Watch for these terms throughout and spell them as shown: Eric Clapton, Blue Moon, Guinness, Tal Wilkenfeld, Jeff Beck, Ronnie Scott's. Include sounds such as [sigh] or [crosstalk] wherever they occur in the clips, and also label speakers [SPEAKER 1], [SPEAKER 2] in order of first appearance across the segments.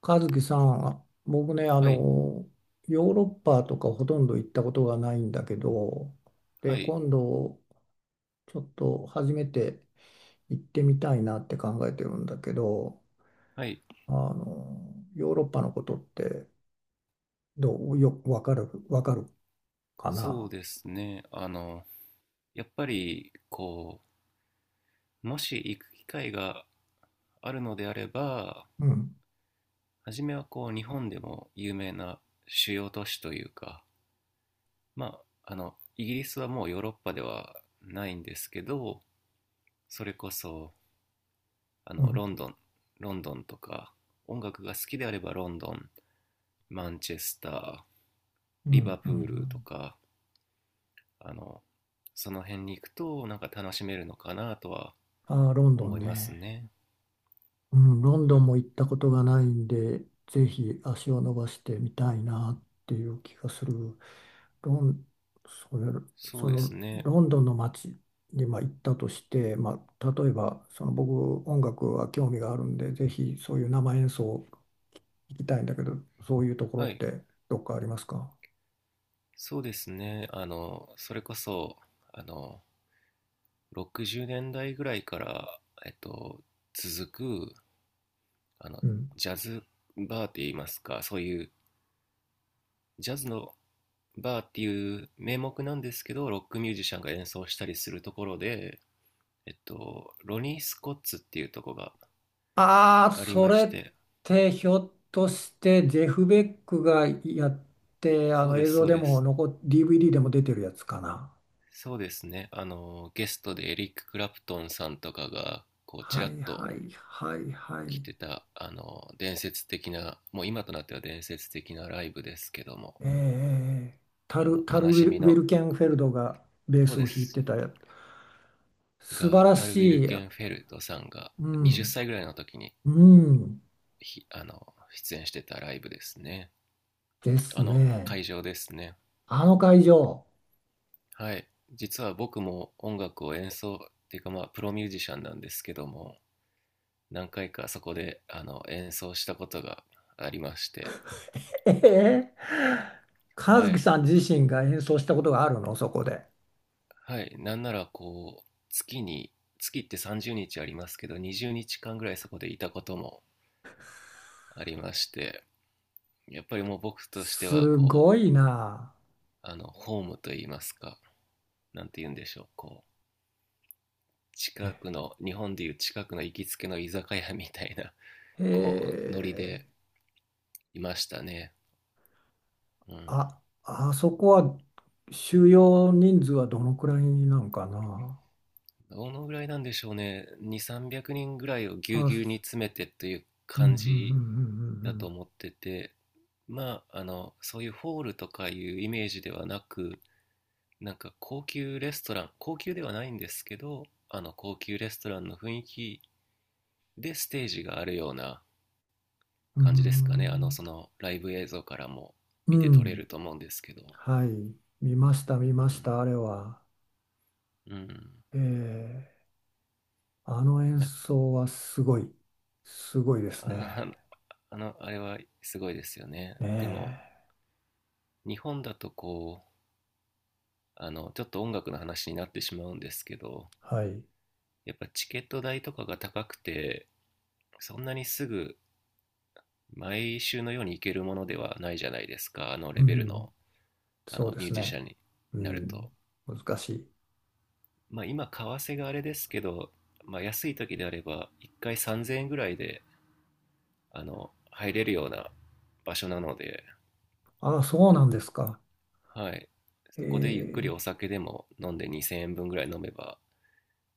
[SPEAKER 1] 和樹さん、僕ね、
[SPEAKER 2] はい、
[SPEAKER 1] ヨーロッパとかほとんど行ったことがないんだけど、で、
[SPEAKER 2] はい、
[SPEAKER 1] 今度、ちょっと初めて行ってみたいなって考えてるんだけど、
[SPEAKER 2] はい。
[SPEAKER 1] ヨーロッパのことってどう、よ、わかる、わかるか
[SPEAKER 2] そう
[SPEAKER 1] な？
[SPEAKER 2] ですね。やっぱり、もし行く機会があるのであれば、
[SPEAKER 1] うん、
[SPEAKER 2] 初めは日本でも有名な主要都市というか、まあ、イギリスはもうヨーロッパではないんですけど、それこそ、あ
[SPEAKER 1] う
[SPEAKER 2] の、
[SPEAKER 1] ん、
[SPEAKER 2] ロンドン、ロンドンとか、音楽が好きであればロンドン、マンチェスター、
[SPEAKER 1] うん、
[SPEAKER 2] リバ
[SPEAKER 1] う
[SPEAKER 2] プ
[SPEAKER 1] ん。う
[SPEAKER 2] ールと
[SPEAKER 1] ん。
[SPEAKER 2] か、あの、その辺に行くと、なんか楽しめるのかなとは
[SPEAKER 1] あー、ロンド
[SPEAKER 2] 思
[SPEAKER 1] ン
[SPEAKER 2] います
[SPEAKER 1] ね。
[SPEAKER 2] ね。
[SPEAKER 1] うん、ロン
[SPEAKER 2] う
[SPEAKER 1] ドンも
[SPEAKER 2] ん。
[SPEAKER 1] 行ったことがないんで、ぜひ足を伸ばしてみたいなっていう気がする。ロン、それ、
[SPEAKER 2] そ
[SPEAKER 1] そ
[SPEAKER 2] うです
[SPEAKER 1] の
[SPEAKER 2] ね。
[SPEAKER 1] ロンドンの街にまあ行ったとして、まあ、例えばその僕音楽は興味があるんで、ぜひそういう生演奏行きたいんだけど、そういうところっ
[SPEAKER 2] はい。
[SPEAKER 1] てどっかありますか？
[SPEAKER 2] そうですね。それこそ、あの、60年代ぐらいから、えっと、続く、あの、
[SPEAKER 1] うん。
[SPEAKER 2] ジャズバーって言いますか、そういうジャズのバーっていう名目なんですけど、ロックミュージシャンが演奏したりするところで、ロニー・スコッツっていうところが
[SPEAKER 1] ああ、
[SPEAKER 2] あり
[SPEAKER 1] そ
[SPEAKER 2] ま
[SPEAKER 1] れ
[SPEAKER 2] し
[SPEAKER 1] っ
[SPEAKER 2] て、
[SPEAKER 1] てひょっとしてジェフ・ベックがやって、あ
[SPEAKER 2] そう
[SPEAKER 1] の
[SPEAKER 2] で
[SPEAKER 1] 映
[SPEAKER 2] す、
[SPEAKER 1] 像
[SPEAKER 2] そう
[SPEAKER 1] で
[SPEAKER 2] で
[SPEAKER 1] も
[SPEAKER 2] す。
[SPEAKER 1] 残っ、DVD でも出てるやつかな。
[SPEAKER 2] そうですね。ゲストでエリック・クラプトンさんとかが、ち
[SPEAKER 1] は
[SPEAKER 2] らっ
[SPEAKER 1] い
[SPEAKER 2] と
[SPEAKER 1] はいはいはい。
[SPEAKER 2] 来てた、伝説的な、もう今となっては伝説的なライブですけども、
[SPEAKER 1] ええ、タル、タル
[SPEAKER 2] 悲
[SPEAKER 1] ウィ
[SPEAKER 2] し
[SPEAKER 1] ル、
[SPEAKER 2] み
[SPEAKER 1] ウィ
[SPEAKER 2] の、
[SPEAKER 1] ルケンフェルドがベー
[SPEAKER 2] そう
[SPEAKER 1] スを
[SPEAKER 2] で
[SPEAKER 1] 弾いて
[SPEAKER 2] す、
[SPEAKER 1] たやつ。素晴
[SPEAKER 2] が、
[SPEAKER 1] ら
[SPEAKER 2] タル・ウィル
[SPEAKER 1] しい。
[SPEAKER 2] ケンフェルドさんが
[SPEAKER 1] う
[SPEAKER 2] 20
[SPEAKER 1] ん。
[SPEAKER 2] 歳ぐらいの時に、
[SPEAKER 1] うん。
[SPEAKER 2] ひあの、出演してたライブですね。
[SPEAKER 1] ですね。
[SPEAKER 2] 会場ですね。
[SPEAKER 1] あの会場。
[SPEAKER 2] はい。実は僕も音楽を演奏、っていうかまあ、プロミュージシャンなんですけども、何回かそこで演奏したことがありまして、
[SPEAKER 1] ええ、和
[SPEAKER 2] は
[SPEAKER 1] 樹
[SPEAKER 2] い、
[SPEAKER 1] さん自身が演奏したことがあるの、そこで？
[SPEAKER 2] はい、なんなら月って30日ありますけど、20日間ぐらいそこでいたこともありまして、やっぱりもう僕としては、
[SPEAKER 1] すごいな。
[SPEAKER 2] ホームといいますか、なんて言うんでしょう、近くの、日本でいう近くの行きつけの居酒屋みたいな、ノリ
[SPEAKER 1] ええ、
[SPEAKER 2] でいましたね。うん。
[SPEAKER 1] あ、あそこは収容人数はどのくらいなんかな？
[SPEAKER 2] どのぐらいなんでしょうね。2、300人ぐらいをぎゅう
[SPEAKER 1] あ、
[SPEAKER 2] ぎゅうに詰めてという
[SPEAKER 1] うん、う
[SPEAKER 2] 感じだと
[SPEAKER 1] ん、
[SPEAKER 2] 思ってて、まあ、そういうホールとかいうイメージではなく、なんか高級レストラン、高級ではないんですけど、高級レストランの雰囲気でステージがあるような
[SPEAKER 1] うん、うん、うん、
[SPEAKER 2] 感
[SPEAKER 1] う
[SPEAKER 2] じですかね。そ
[SPEAKER 1] ん、
[SPEAKER 2] のライブ映像からも
[SPEAKER 1] う
[SPEAKER 2] 見
[SPEAKER 1] ん、
[SPEAKER 2] て
[SPEAKER 1] う
[SPEAKER 2] 取れる
[SPEAKER 1] ん。
[SPEAKER 2] と思うんですけど。
[SPEAKER 1] はい、見ました、見
[SPEAKER 2] う
[SPEAKER 1] まし
[SPEAKER 2] ん、
[SPEAKER 1] た、あれは。
[SPEAKER 2] うん。
[SPEAKER 1] ええ、あの演
[SPEAKER 2] なんか
[SPEAKER 1] 奏はすごい、すごいですね。
[SPEAKER 2] あの、あれはすごいですよね。
[SPEAKER 1] ね
[SPEAKER 2] でも、
[SPEAKER 1] え、
[SPEAKER 2] 日本だとちょっと音楽の話になってしまうんですけど、
[SPEAKER 1] はい、
[SPEAKER 2] やっぱチケット代とかが高くて、そんなにすぐ毎週のように行けるものではないじゃないですか、あの
[SPEAKER 1] う
[SPEAKER 2] レベル
[SPEAKER 1] ん、
[SPEAKER 2] のあ
[SPEAKER 1] そう
[SPEAKER 2] の
[SPEAKER 1] で
[SPEAKER 2] ミュー
[SPEAKER 1] す
[SPEAKER 2] ジシ
[SPEAKER 1] ね。
[SPEAKER 2] ャンに
[SPEAKER 1] う
[SPEAKER 2] なると。
[SPEAKER 1] ん、難しい。
[SPEAKER 2] まあ今為替があれですけど、まあ、安い時であれば1回3000円ぐらいで入れるような場所なので、
[SPEAKER 1] ああ、そうなんですか。
[SPEAKER 2] はい、そこでゆっくり
[SPEAKER 1] え
[SPEAKER 2] お酒でも飲んで2000円分ぐらい飲めば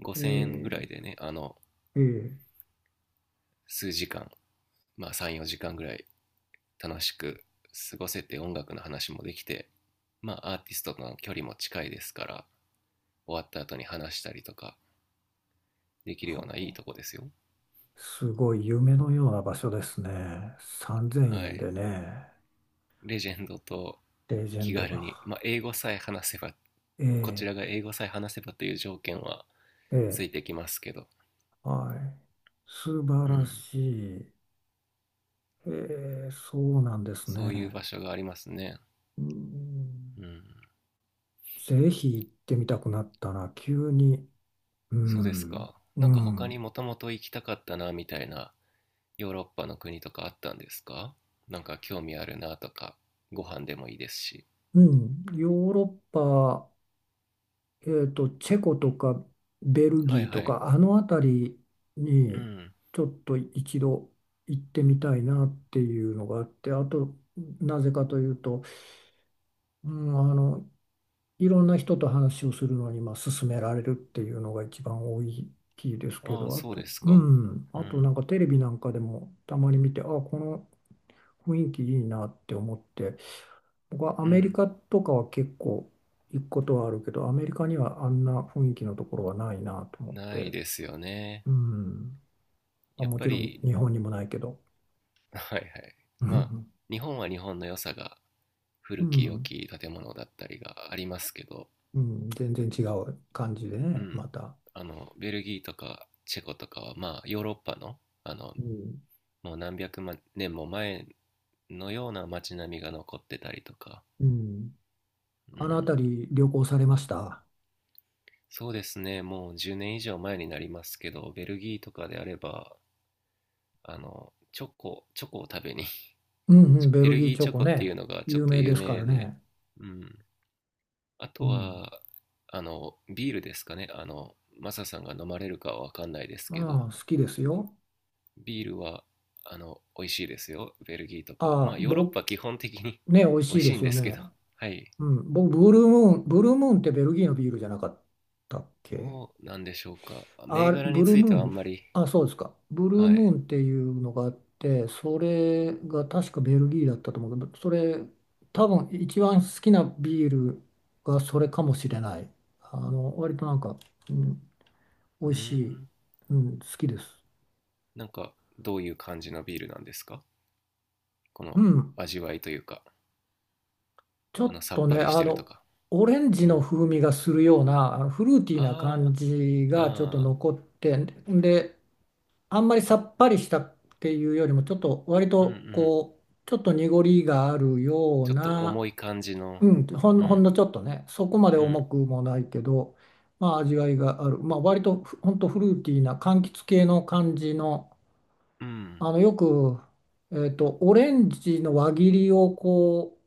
[SPEAKER 2] 5000円ぐら
[SPEAKER 1] え、
[SPEAKER 2] い
[SPEAKER 1] え
[SPEAKER 2] でね、
[SPEAKER 1] え、ええ、
[SPEAKER 2] 数時間、まあ34時間ぐらい楽しく過ごせて、音楽の話もできて、まあ、アーティストとの距離も近いですから、終わった後に話したりとかできる
[SPEAKER 1] は
[SPEAKER 2] ようないい
[SPEAKER 1] あ、
[SPEAKER 2] とこですよ。
[SPEAKER 1] すごい夢のような場所ですね。3000
[SPEAKER 2] は
[SPEAKER 1] 円
[SPEAKER 2] い、
[SPEAKER 1] でね、
[SPEAKER 2] レジェンドと
[SPEAKER 1] レジェン
[SPEAKER 2] 気
[SPEAKER 1] ド
[SPEAKER 2] 軽に、
[SPEAKER 1] が。
[SPEAKER 2] まあ、英語さえ話せば、こち
[SPEAKER 1] え
[SPEAKER 2] ら
[SPEAKER 1] え、
[SPEAKER 2] が英語さえ話せばという条件はつい
[SPEAKER 1] ええ、
[SPEAKER 2] てきますけど、
[SPEAKER 1] はい。素晴
[SPEAKER 2] う
[SPEAKER 1] ら
[SPEAKER 2] ん、
[SPEAKER 1] しい。えー、そうなんです
[SPEAKER 2] そういう場
[SPEAKER 1] ね。
[SPEAKER 2] 所がありますね。
[SPEAKER 1] う
[SPEAKER 2] う
[SPEAKER 1] ん、
[SPEAKER 2] ん。
[SPEAKER 1] ぜひ行ってみたくなったな、急に。う
[SPEAKER 2] そうです
[SPEAKER 1] ん、
[SPEAKER 2] か。
[SPEAKER 1] う
[SPEAKER 2] なんか他に
[SPEAKER 1] ん、
[SPEAKER 2] もともと行きたかったなみたいな、ヨーロッパの国とかあったんですか？なんか興味あるなとか、ご飯でもいいですし。
[SPEAKER 1] うん。ヨーロッパ、チェコとかベル
[SPEAKER 2] は
[SPEAKER 1] ギ
[SPEAKER 2] い
[SPEAKER 1] ー
[SPEAKER 2] は
[SPEAKER 1] と
[SPEAKER 2] い。
[SPEAKER 1] か、あの辺り
[SPEAKER 2] う
[SPEAKER 1] に
[SPEAKER 2] ん。
[SPEAKER 1] ちょっと一度行ってみたいなっていうのがあって、あと、なぜかというと、うん、いろんな人と話をするのに、まあ、勧められるっていうのが一番大きいですけ
[SPEAKER 2] ああ、
[SPEAKER 1] ど、あ
[SPEAKER 2] そうで
[SPEAKER 1] と、
[SPEAKER 2] す
[SPEAKER 1] う
[SPEAKER 2] か。
[SPEAKER 1] ん、
[SPEAKER 2] う
[SPEAKER 1] あと
[SPEAKER 2] ん。
[SPEAKER 1] なんかテレビなんかでもたまに見て、あ、この雰囲気いいなって思って、僕はア
[SPEAKER 2] う
[SPEAKER 1] メリ
[SPEAKER 2] ん。
[SPEAKER 1] カとかは結構行くことはあるけど、アメリカにはあんな雰囲気のところはないなと思っ
[SPEAKER 2] な
[SPEAKER 1] て、
[SPEAKER 2] いですよね。
[SPEAKER 1] うん、まあ、
[SPEAKER 2] やっ
[SPEAKER 1] も
[SPEAKER 2] ぱ
[SPEAKER 1] ちろん
[SPEAKER 2] り、
[SPEAKER 1] 日本にもないけど、
[SPEAKER 2] [laughs] はいはい。
[SPEAKER 1] [laughs] う
[SPEAKER 2] まあ、
[SPEAKER 1] ん、
[SPEAKER 2] 日本は日本の良さが、
[SPEAKER 1] う
[SPEAKER 2] 古き良
[SPEAKER 1] ん、
[SPEAKER 2] き建物だったりがありますけど、
[SPEAKER 1] うん全然違う感じで
[SPEAKER 2] う
[SPEAKER 1] ね、
[SPEAKER 2] ん。
[SPEAKER 1] また。
[SPEAKER 2] ベルギーとかチェコとかは、まあ、ヨーロッパの、
[SPEAKER 1] うん、
[SPEAKER 2] もう何百万年も前のような街並みが残ってたりとか、
[SPEAKER 1] うん、
[SPEAKER 2] う
[SPEAKER 1] あの
[SPEAKER 2] ん、
[SPEAKER 1] 辺り旅行されました？
[SPEAKER 2] そうですね、もう10年以上前になりますけど、ベルギーとかであれば、チョコを食べに
[SPEAKER 1] うん、
[SPEAKER 2] [laughs]
[SPEAKER 1] うん、ベ
[SPEAKER 2] ベ
[SPEAKER 1] ル
[SPEAKER 2] ル
[SPEAKER 1] ギー
[SPEAKER 2] ギー
[SPEAKER 1] チ
[SPEAKER 2] チ
[SPEAKER 1] ョ
[SPEAKER 2] ョ
[SPEAKER 1] コ
[SPEAKER 2] コっていう
[SPEAKER 1] ね、
[SPEAKER 2] のがちょっ
[SPEAKER 1] 有
[SPEAKER 2] と
[SPEAKER 1] 名で
[SPEAKER 2] 有
[SPEAKER 1] すか
[SPEAKER 2] 名
[SPEAKER 1] ら
[SPEAKER 2] で、
[SPEAKER 1] ね。
[SPEAKER 2] うん。あ
[SPEAKER 1] う
[SPEAKER 2] と
[SPEAKER 1] ん。
[SPEAKER 2] は、ビールですかね。マサさんが飲まれるかはわかんないですけ
[SPEAKER 1] ま
[SPEAKER 2] ど、
[SPEAKER 1] あ、好きですよ。
[SPEAKER 2] ビールは、美味しいですよ、ベルギーとか。
[SPEAKER 1] ああ、
[SPEAKER 2] まあ、ヨーロッ
[SPEAKER 1] 僕、
[SPEAKER 2] パ基本的に
[SPEAKER 1] ね、美味
[SPEAKER 2] [laughs] 美
[SPEAKER 1] し
[SPEAKER 2] 味
[SPEAKER 1] い
[SPEAKER 2] し
[SPEAKER 1] で
[SPEAKER 2] いん
[SPEAKER 1] す
[SPEAKER 2] で
[SPEAKER 1] よ
[SPEAKER 2] すけど、
[SPEAKER 1] ね。
[SPEAKER 2] [laughs] はい。
[SPEAKER 1] うん。僕、ブルームーンってベルギーのビールじゃなかったっけ？
[SPEAKER 2] どうなんでしょうか。銘
[SPEAKER 1] あ、
[SPEAKER 2] 柄に
[SPEAKER 1] ブルー
[SPEAKER 2] ついて
[SPEAKER 1] ム
[SPEAKER 2] はあ
[SPEAKER 1] ー
[SPEAKER 2] ん
[SPEAKER 1] ン、
[SPEAKER 2] まり、
[SPEAKER 1] あ、そうですか。ブルー
[SPEAKER 2] は
[SPEAKER 1] ム
[SPEAKER 2] い。
[SPEAKER 1] ーンっていうのがあって、それが確かベルギーだったと思うけど、それ、多分一番好きなビールがそれかもしれない。割となんか、うん、美
[SPEAKER 2] うー
[SPEAKER 1] 味しい。
[SPEAKER 2] ん。
[SPEAKER 1] うん、好きです。
[SPEAKER 2] なんかどういう感じのビールなんですか、こ
[SPEAKER 1] う
[SPEAKER 2] の
[SPEAKER 1] ん、
[SPEAKER 2] 味わいというか、
[SPEAKER 1] ちょっ
[SPEAKER 2] さっ
[SPEAKER 1] と
[SPEAKER 2] ぱ
[SPEAKER 1] ね、
[SPEAKER 2] りしてるとか。
[SPEAKER 1] オレンジ
[SPEAKER 2] う
[SPEAKER 1] の
[SPEAKER 2] ん。
[SPEAKER 1] 風味がするような、あのフルーティーな感
[SPEAKER 2] あ
[SPEAKER 1] じ
[SPEAKER 2] あ、あ
[SPEAKER 1] がちょっと
[SPEAKER 2] あ、
[SPEAKER 1] 残って、で、あんまりさっぱりしたっていうよりも、ちょっと割
[SPEAKER 2] うんう
[SPEAKER 1] と
[SPEAKER 2] ん。
[SPEAKER 1] こう、ちょっと濁りがあるよう
[SPEAKER 2] ちょっと
[SPEAKER 1] な、
[SPEAKER 2] 重い感じの、
[SPEAKER 1] うん、ほん、
[SPEAKER 2] う
[SPEAKER 1] ほ
[SPEAKER 2] ん、
[SPEAKER 1] んのちょっとね、そこまで
[SPEAKER 2] うん、
[SPEAKER 1] 重くもないけど、まあ味わいがある、まあ割とふほんとフルーティーな柑橘系の感じの、
[SPEAKER 2] うん。
[SPEAKER 1] あの、よく、オレンジの輪切りをこ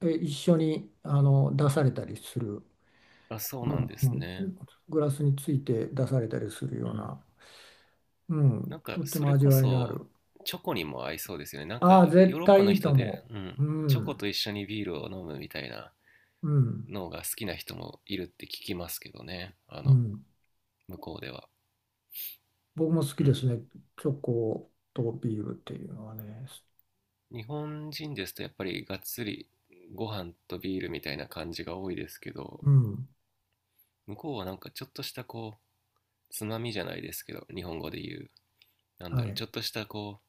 [SPEAKER 1] う、え、一緒にあの出されたりする、
[SPEAKER 2] あ、そう
[SPEAKER 1] う
[SPEAKER 2] なんです
[SPEAKER 1] ん、う
[SPEAKER 2] ね。
[SPEAKER 1] ん、グラスについて出されたりする
[SPEAKER 2] う
[SPEAKER 1] よう
[SPEAKER 2] ん。
[SPEAKER 1] な、う
[SPEAKER 2] な
[SPEAKER 1] ん、
[SPEAKER 2] んか
[SPEAKER 1] とって
[SPEAKER 2] そ
[SPEAKER 1] も
[SPEAKER 2] れ
[SPEAKER 1] 味
[SPEAKER 2] こ
[SPEAKER 1] わいのあ
[SPEAKER 2] そ
[SPEAKER 1] る。
[SPEAKER 2] チョコにも合いそうですよね。なん
[SPEAKER 1] あ
[SPEAKER 2] か
[SPEAKER 1] あ、
[SPEAKER 2] ヨー
[SPEAKER 1] 絶
[SPEAKER 2] ロッパ
[SPEAKER 1] 対い
[SPEAKER 2] の
[SPEAKER 1] いと
[SPEAKER 2] 人で、
[SPEAKER 1] 思
[SPEAKER 2] うん、
[SPEAKER 1] う。う
[SPEAKER 2] チョコ
[SPEAKER 1] ん、
[SPEAKER 2] と一緒にビールを飲むみたいな
[SPEAKER 1] うん、
[SPEAKER 2] のが好きな人もいるって聞きますけどね。
[SPEAKER 1] うん。
[SPEAKER 2] 向こうでは。
[SPEAKER 1] 僕も好き
[SPEAKER 2] う
[SPEAKER 1] です
[SPEAKER 2] ん。
[SPEAKER 1] ね。チョコとビールっていうのはね。
[SPEAKER 2] 日本人ですとやっぱりがっつりご飯とビールみたいな感じが多いですけど、
[SPEAKER 1] うん、
[SPEAKER 2] 向こうはなんかちょっとしたつまみじゃないですけど、日本語で言う、なんだ
[SPEAKER 1] は
[SPEAKER 2] ろう、ち
[SPEAKER 1] い。
[SPEAKER 2] ょっとしたこ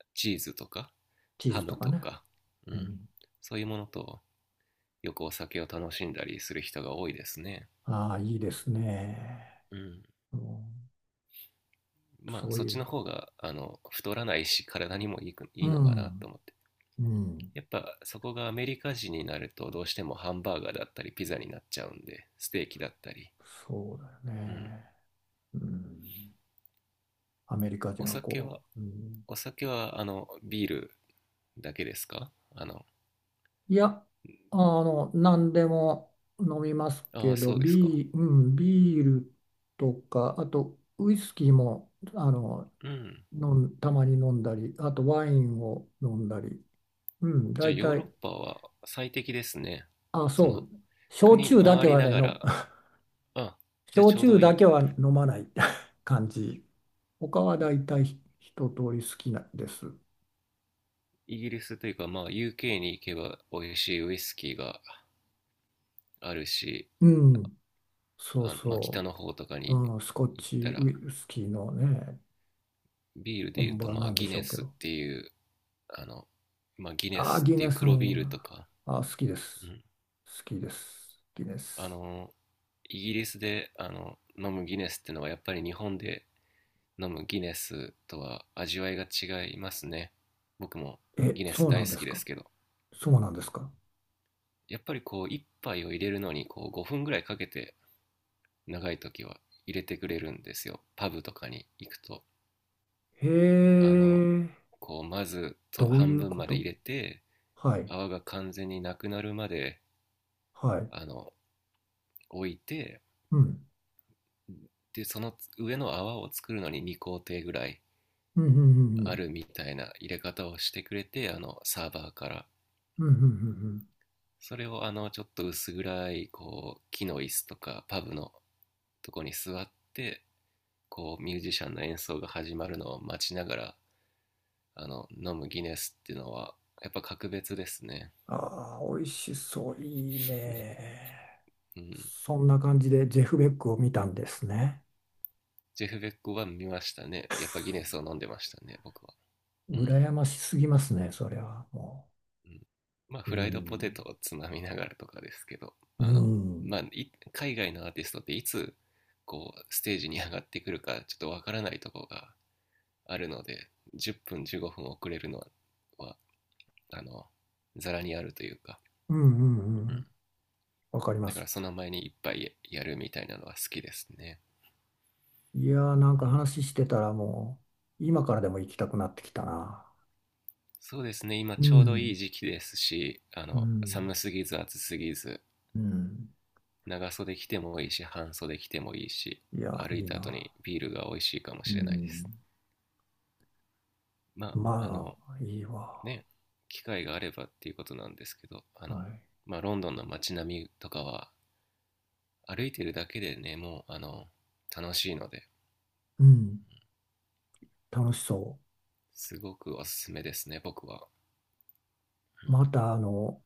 [SPEAKER 2] う、チーズとか、
[SPEAKER 1] チー
[SPEAKER 2] ハ
[SPEAKER 1] ズと
[SPEAKER 2] ム
[SPEAKER 1] か
[SPEAKER 2] と
[SPEAKER 1] ね。
[SPEAKER 2] か、う
[SPEAKER 1] う
[SPEAKER 2] ん、
[SPEAKER 1] ん、
[SPEAKER 2] そういうものと、よくお酒を楽しんだりする人が多いですね。
[SPEAKER 1] ああ、いいですね。
[SPEAKER 2] うん。
[SPEAKER 1] うん、
[SPEAKER 2] まあ、
[SPEAKER 1] そう
[SPEAKER 2] そっ
[SPEAKER 1] い
[SPEAKER 2] ち
[SPEAKER 1] う。
[SPEAKER 2] の方が、太らないし、体にもいいい
[SPEAKER 1] う
[SPEAKER 2] いのかなと
[SPEAKER 1] ん、
[SPEAKER 2] 思って。
[SPEAKER 1] うん、
[SPEAKER 2] やっぱ、そこがアメリカ人になると、どうしてもハンバーガーだったり、ピザになっちゃうんで、ステーキだったり、
[SPEAKER 1] そうだよ
[SPEAKER 2] うん。
[SPEAKER 1] ね。うん、アメリカ
[SPEAKER 2] お
[SPEAKER 1] 人は
[SPEAKER 2] 酒
[SPEAKER 1] こ
[SPEAKER 2] は、
[SPEAKER 1] う、うん、
[SPEAKER 2] お酒は、ビールだけですか？
[SPEAKER 1] いや、あの、何でも飲みます
[SPEAKER 2] あ
[SPEAKER 1] け
[SPEAKER 2] あ、
[SPEAKER 1] ど、
[SPEAKER 2] そうですか。
[SPEAKER 1] ビー、うん、ビールとか、あとウイスキーも、あの、
[SPEAKER 2] うん。
[SPEAKER 1] たまに飲んだり、あとワインを飲んだり、うん、
[SPEAKER 2] じゃあ、
[SPEAKER 1] 大
[SPEAKER 2] ヨーロッ
[SPEAKER 1] 体、
[SPEAKER 2] パは最適ですね。
[SPEAKER 1] あ、
[SPEAKER 2] そ
[SPEAKER 1] そ
[SPEAKER 2] の、
[SPEAKER 1] う、焼
[SPEAKER 2] 国
[SPEAKER 1] 酎だ
[SPEAKER 2] 回
[SPEAKER 1] け
[SPEAKER 2] り
[SPEAKER 1] は
[SPEAKER 2] な
[SPEAKER 1] ね、
[SPEAKER 2] が
[SPEAKER 1] の、
[SPEAKER 2] ら、あ、
[SPEAKER 1] [laughs]
[SPEAKER 2] じゃあ
[SPEAKER 1] 焼
[SPEAKER 2] ちょう
[SPEAKER 1] 酎
[SPEAKER 2] どい
[SPEAKER 1] だ
[SPEAKER 2] い。
[SPEAKER 1] けは飲まない [laughs] 感じ。他は大体一通り好きなんです。
[SPEAKER 2] イギリスというか、まあ、UK に行けば美味しいウイスキーがあるし、
[SPEAKER 1] うん、そう
[SPEAKER 2] まあ、北
[SPEAKER 1] そ
[SPEAKER 2] の方とか
[SPEAKER 1] う、
[SPEAKER 2] に
[SPEAKER 1] うん、スコッ
[SPEAKER 2] 行っ
[SPEAKER 1] チ
[SPEAKER 2] たら、
[SPEAKER 1] ウイスキーのね、
[SPEAKER 2] ビールで言う
[SPEAKER 1] 本
[SPEAKER 2] と、
[SPEAKER 1] 場
[SPEAKER 2] ま
[SPEAKER 1] な
[SPEAKER 2] あ、
[SPEAKER 1] んでしょうけど。
[SPEAKER 2] あの、ギネ
[SPEAKER 1] あー、
[SPEAKER 2] スっ
[SPEAKER 1] ギ
[SPEAKER 2] てい
[SPEAKER 1] ネ
[SPEAKER 2] う
[SPEAKER 1] ス
[SPEAKER 2] 黒
[SPEAKER 1] も
[SPEAKER 2] ビールと
[SPEAKER 1] な、
[SPEAKER 2] か、
[SPEAKER 1] あー、好きで
[SPEAKER 2] う
[SPEAKER 1] す。
[SPEAKER 2] ん、
[SPEAKER 1] 好きです。ギネ
[SPEAKER 2] あ
[SPEAKER 1] ス。
[SPEAKER 2] のイギリスで飲むギネスってのはやっぱり日本で飲むギネスとは味わいが違いますね。僕も
[SPEAKER 1] え、
[SPEAKER 2] ギネ
[SPEAKER 1] そ
[SPEAKER 2] ス
[SPEAKER 1] うな
[SPEAKER 2] 大
[SPEAKER 1] ん
[SPEAKER 2] 好
[SPEAKER 1] です
[SPEAKER 2] きで
[SPEAKER 1] か。
[SPEAKER 2] すけど、
[SPEAKER 1] そうなんですか。
[SPEAKER 2] やっぱり一杯を入れるのに5分ぐらいかけて、長い時は入れてくれるんですよ、パブとかに行くと。
[SPEAKER 1] へ
[SPEAKER 2] あの
[SPEAKER 1] え、
[SPEAKER 2] まずと
[SPEAKER 1] どうい
[SPEAKER 2] 半
[SPEAKER 1] う
[SPEAKER 2] 分
[SPEAKER 1] こ
[SPEAKER 2] まで
[SPEAKER 1] と？
[SPEAKER 2] 入れて、
[SPEAKER 1] はい、
[SPEAKER 2] 泡が完全になくなるまで
[SPEAKER 1] はい。
[SPEAKER 2] あの置いて、
[SPEAKER 1] うん、
[SPEAKER 2] でその上の泡を作るのに2工程ぐらい
[SPEAKER 1] うん、うん、う
[SPEAKER 2] あ
[SPEAKER 1] ん、
[SPEAKER 2] るみたいな入れ方をしてくれて、サーバーから。
[SPEAKER 1] うん、うん、うん、うん、うん。
[SPEAKER 2] それをちょっと薄暗い、木の椅子とか、パブのとこに座って、ミュージシャンの演奏が始まるのを待ちながら、飲むギネスっていうのは、やっぱ格別ですね。
[SPEAKER 1] ああ、美味しそう、いいね。
[SPEAKER 2] うん。
[SPEAKER 1] そんな感じでジェフ・ベックを見たんですね。
[SPEAKER 2] ジェフ・ベックは見ましたね。やっぱギネスを飲んでましたね、僕は。うん。
[SPEAKER 1] 羨ましすぎますね、それはも
[SPEAKER 2] うん、まあ、
[SPEAKER 1] う。う
[SPEAKER 2] フライドポテ
[SPEAKER 1] ん、
[SPEAKER 2] トをつまみながらとかですけど、
[SPEAKER 1] うん、
[SPEAKER 2] まあ、海外のアーティストっていつ、ステージに上がってくるか、ちょっとわからないところがあるので、10分、15分遅れるのは、あの、ざらにあるというか、
[SPEAKER 1] うん、うん、う
[SPEAKER 2] うん。
[SPEAKER 1] ん。わかりま
[SPEAKER 2] だから
[SPEAKER 1] す。
[SPEAKER 2] その前にいっぱいやるみたいなのは好きですね。
[SPEAKER 1] いやー、なん
[SPEAKER 2] う
[SPEAKER 1] か
[SPEAKER 2] ん。
[SPEAKER 1] 話してたらもう、今からでも行きたくなってきたな。
[SPEAKER 2] そうですね、今
[SPEAKER 1] う
[SPEAKER 2] ちょうどいい
[SPEAKER 1] ん、
[SPEAKER 2] 時期ですし、
[SPEAKER 1] うん、
[SPEAKER 2] 寒すぎず暑すぎず、
[SPEAKER 1] うん。
[SPEAKER 2] 長袖着てもいいし半袖着てもいいし、
[SPEAKER 1] いやー、
[SPEAKER 2] 歩い
[SPEAKER 1] いい
[SPEAKER 2] た後
[SPEAKER 1] な。
[SPEAKER 2] にビールが美味しいかも
[SPEAKER 1] う
[SPEAKER 2] しれないです。
[SPEAKER 1] ん。
[SPEAKER 2] まあ
[SPEAKER 1] まあ、いいわ。
[SPEAKER 2] ね、機会があればっていうことなんですけど、
[SPEAKER 1] はい。
[SPEAKER 2] まあ、ロンドンの街並みとかは歩いてるだけでね、もう楽しいので、
[SPEAKER 1] うん、楽しそ
[SPEAKER 2] すごくおすすめですね、僕は。
[SPEAKER 1] う。ま
[SPEAKER 2] う
[SPEAKER 1] た、あの、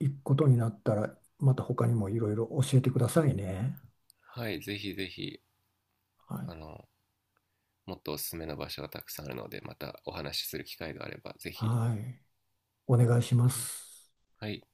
[SPEAKER 1] 行くことになったら、また他にもいろいろ教えてくださいね。
[SPEAKER 2] ん、はい、ぜひぜひ。
[SPEAKER 1] はい。
[SPEAKER 2] あのもっとおすすめの場所がたくさんあるので、またお話しする機会があればぜひ、
[SPEAKER 1] はい。お願いしま
[SPEAKER 2] うん、
[SPEAKER 1] す。
[SPEAKER 2] はい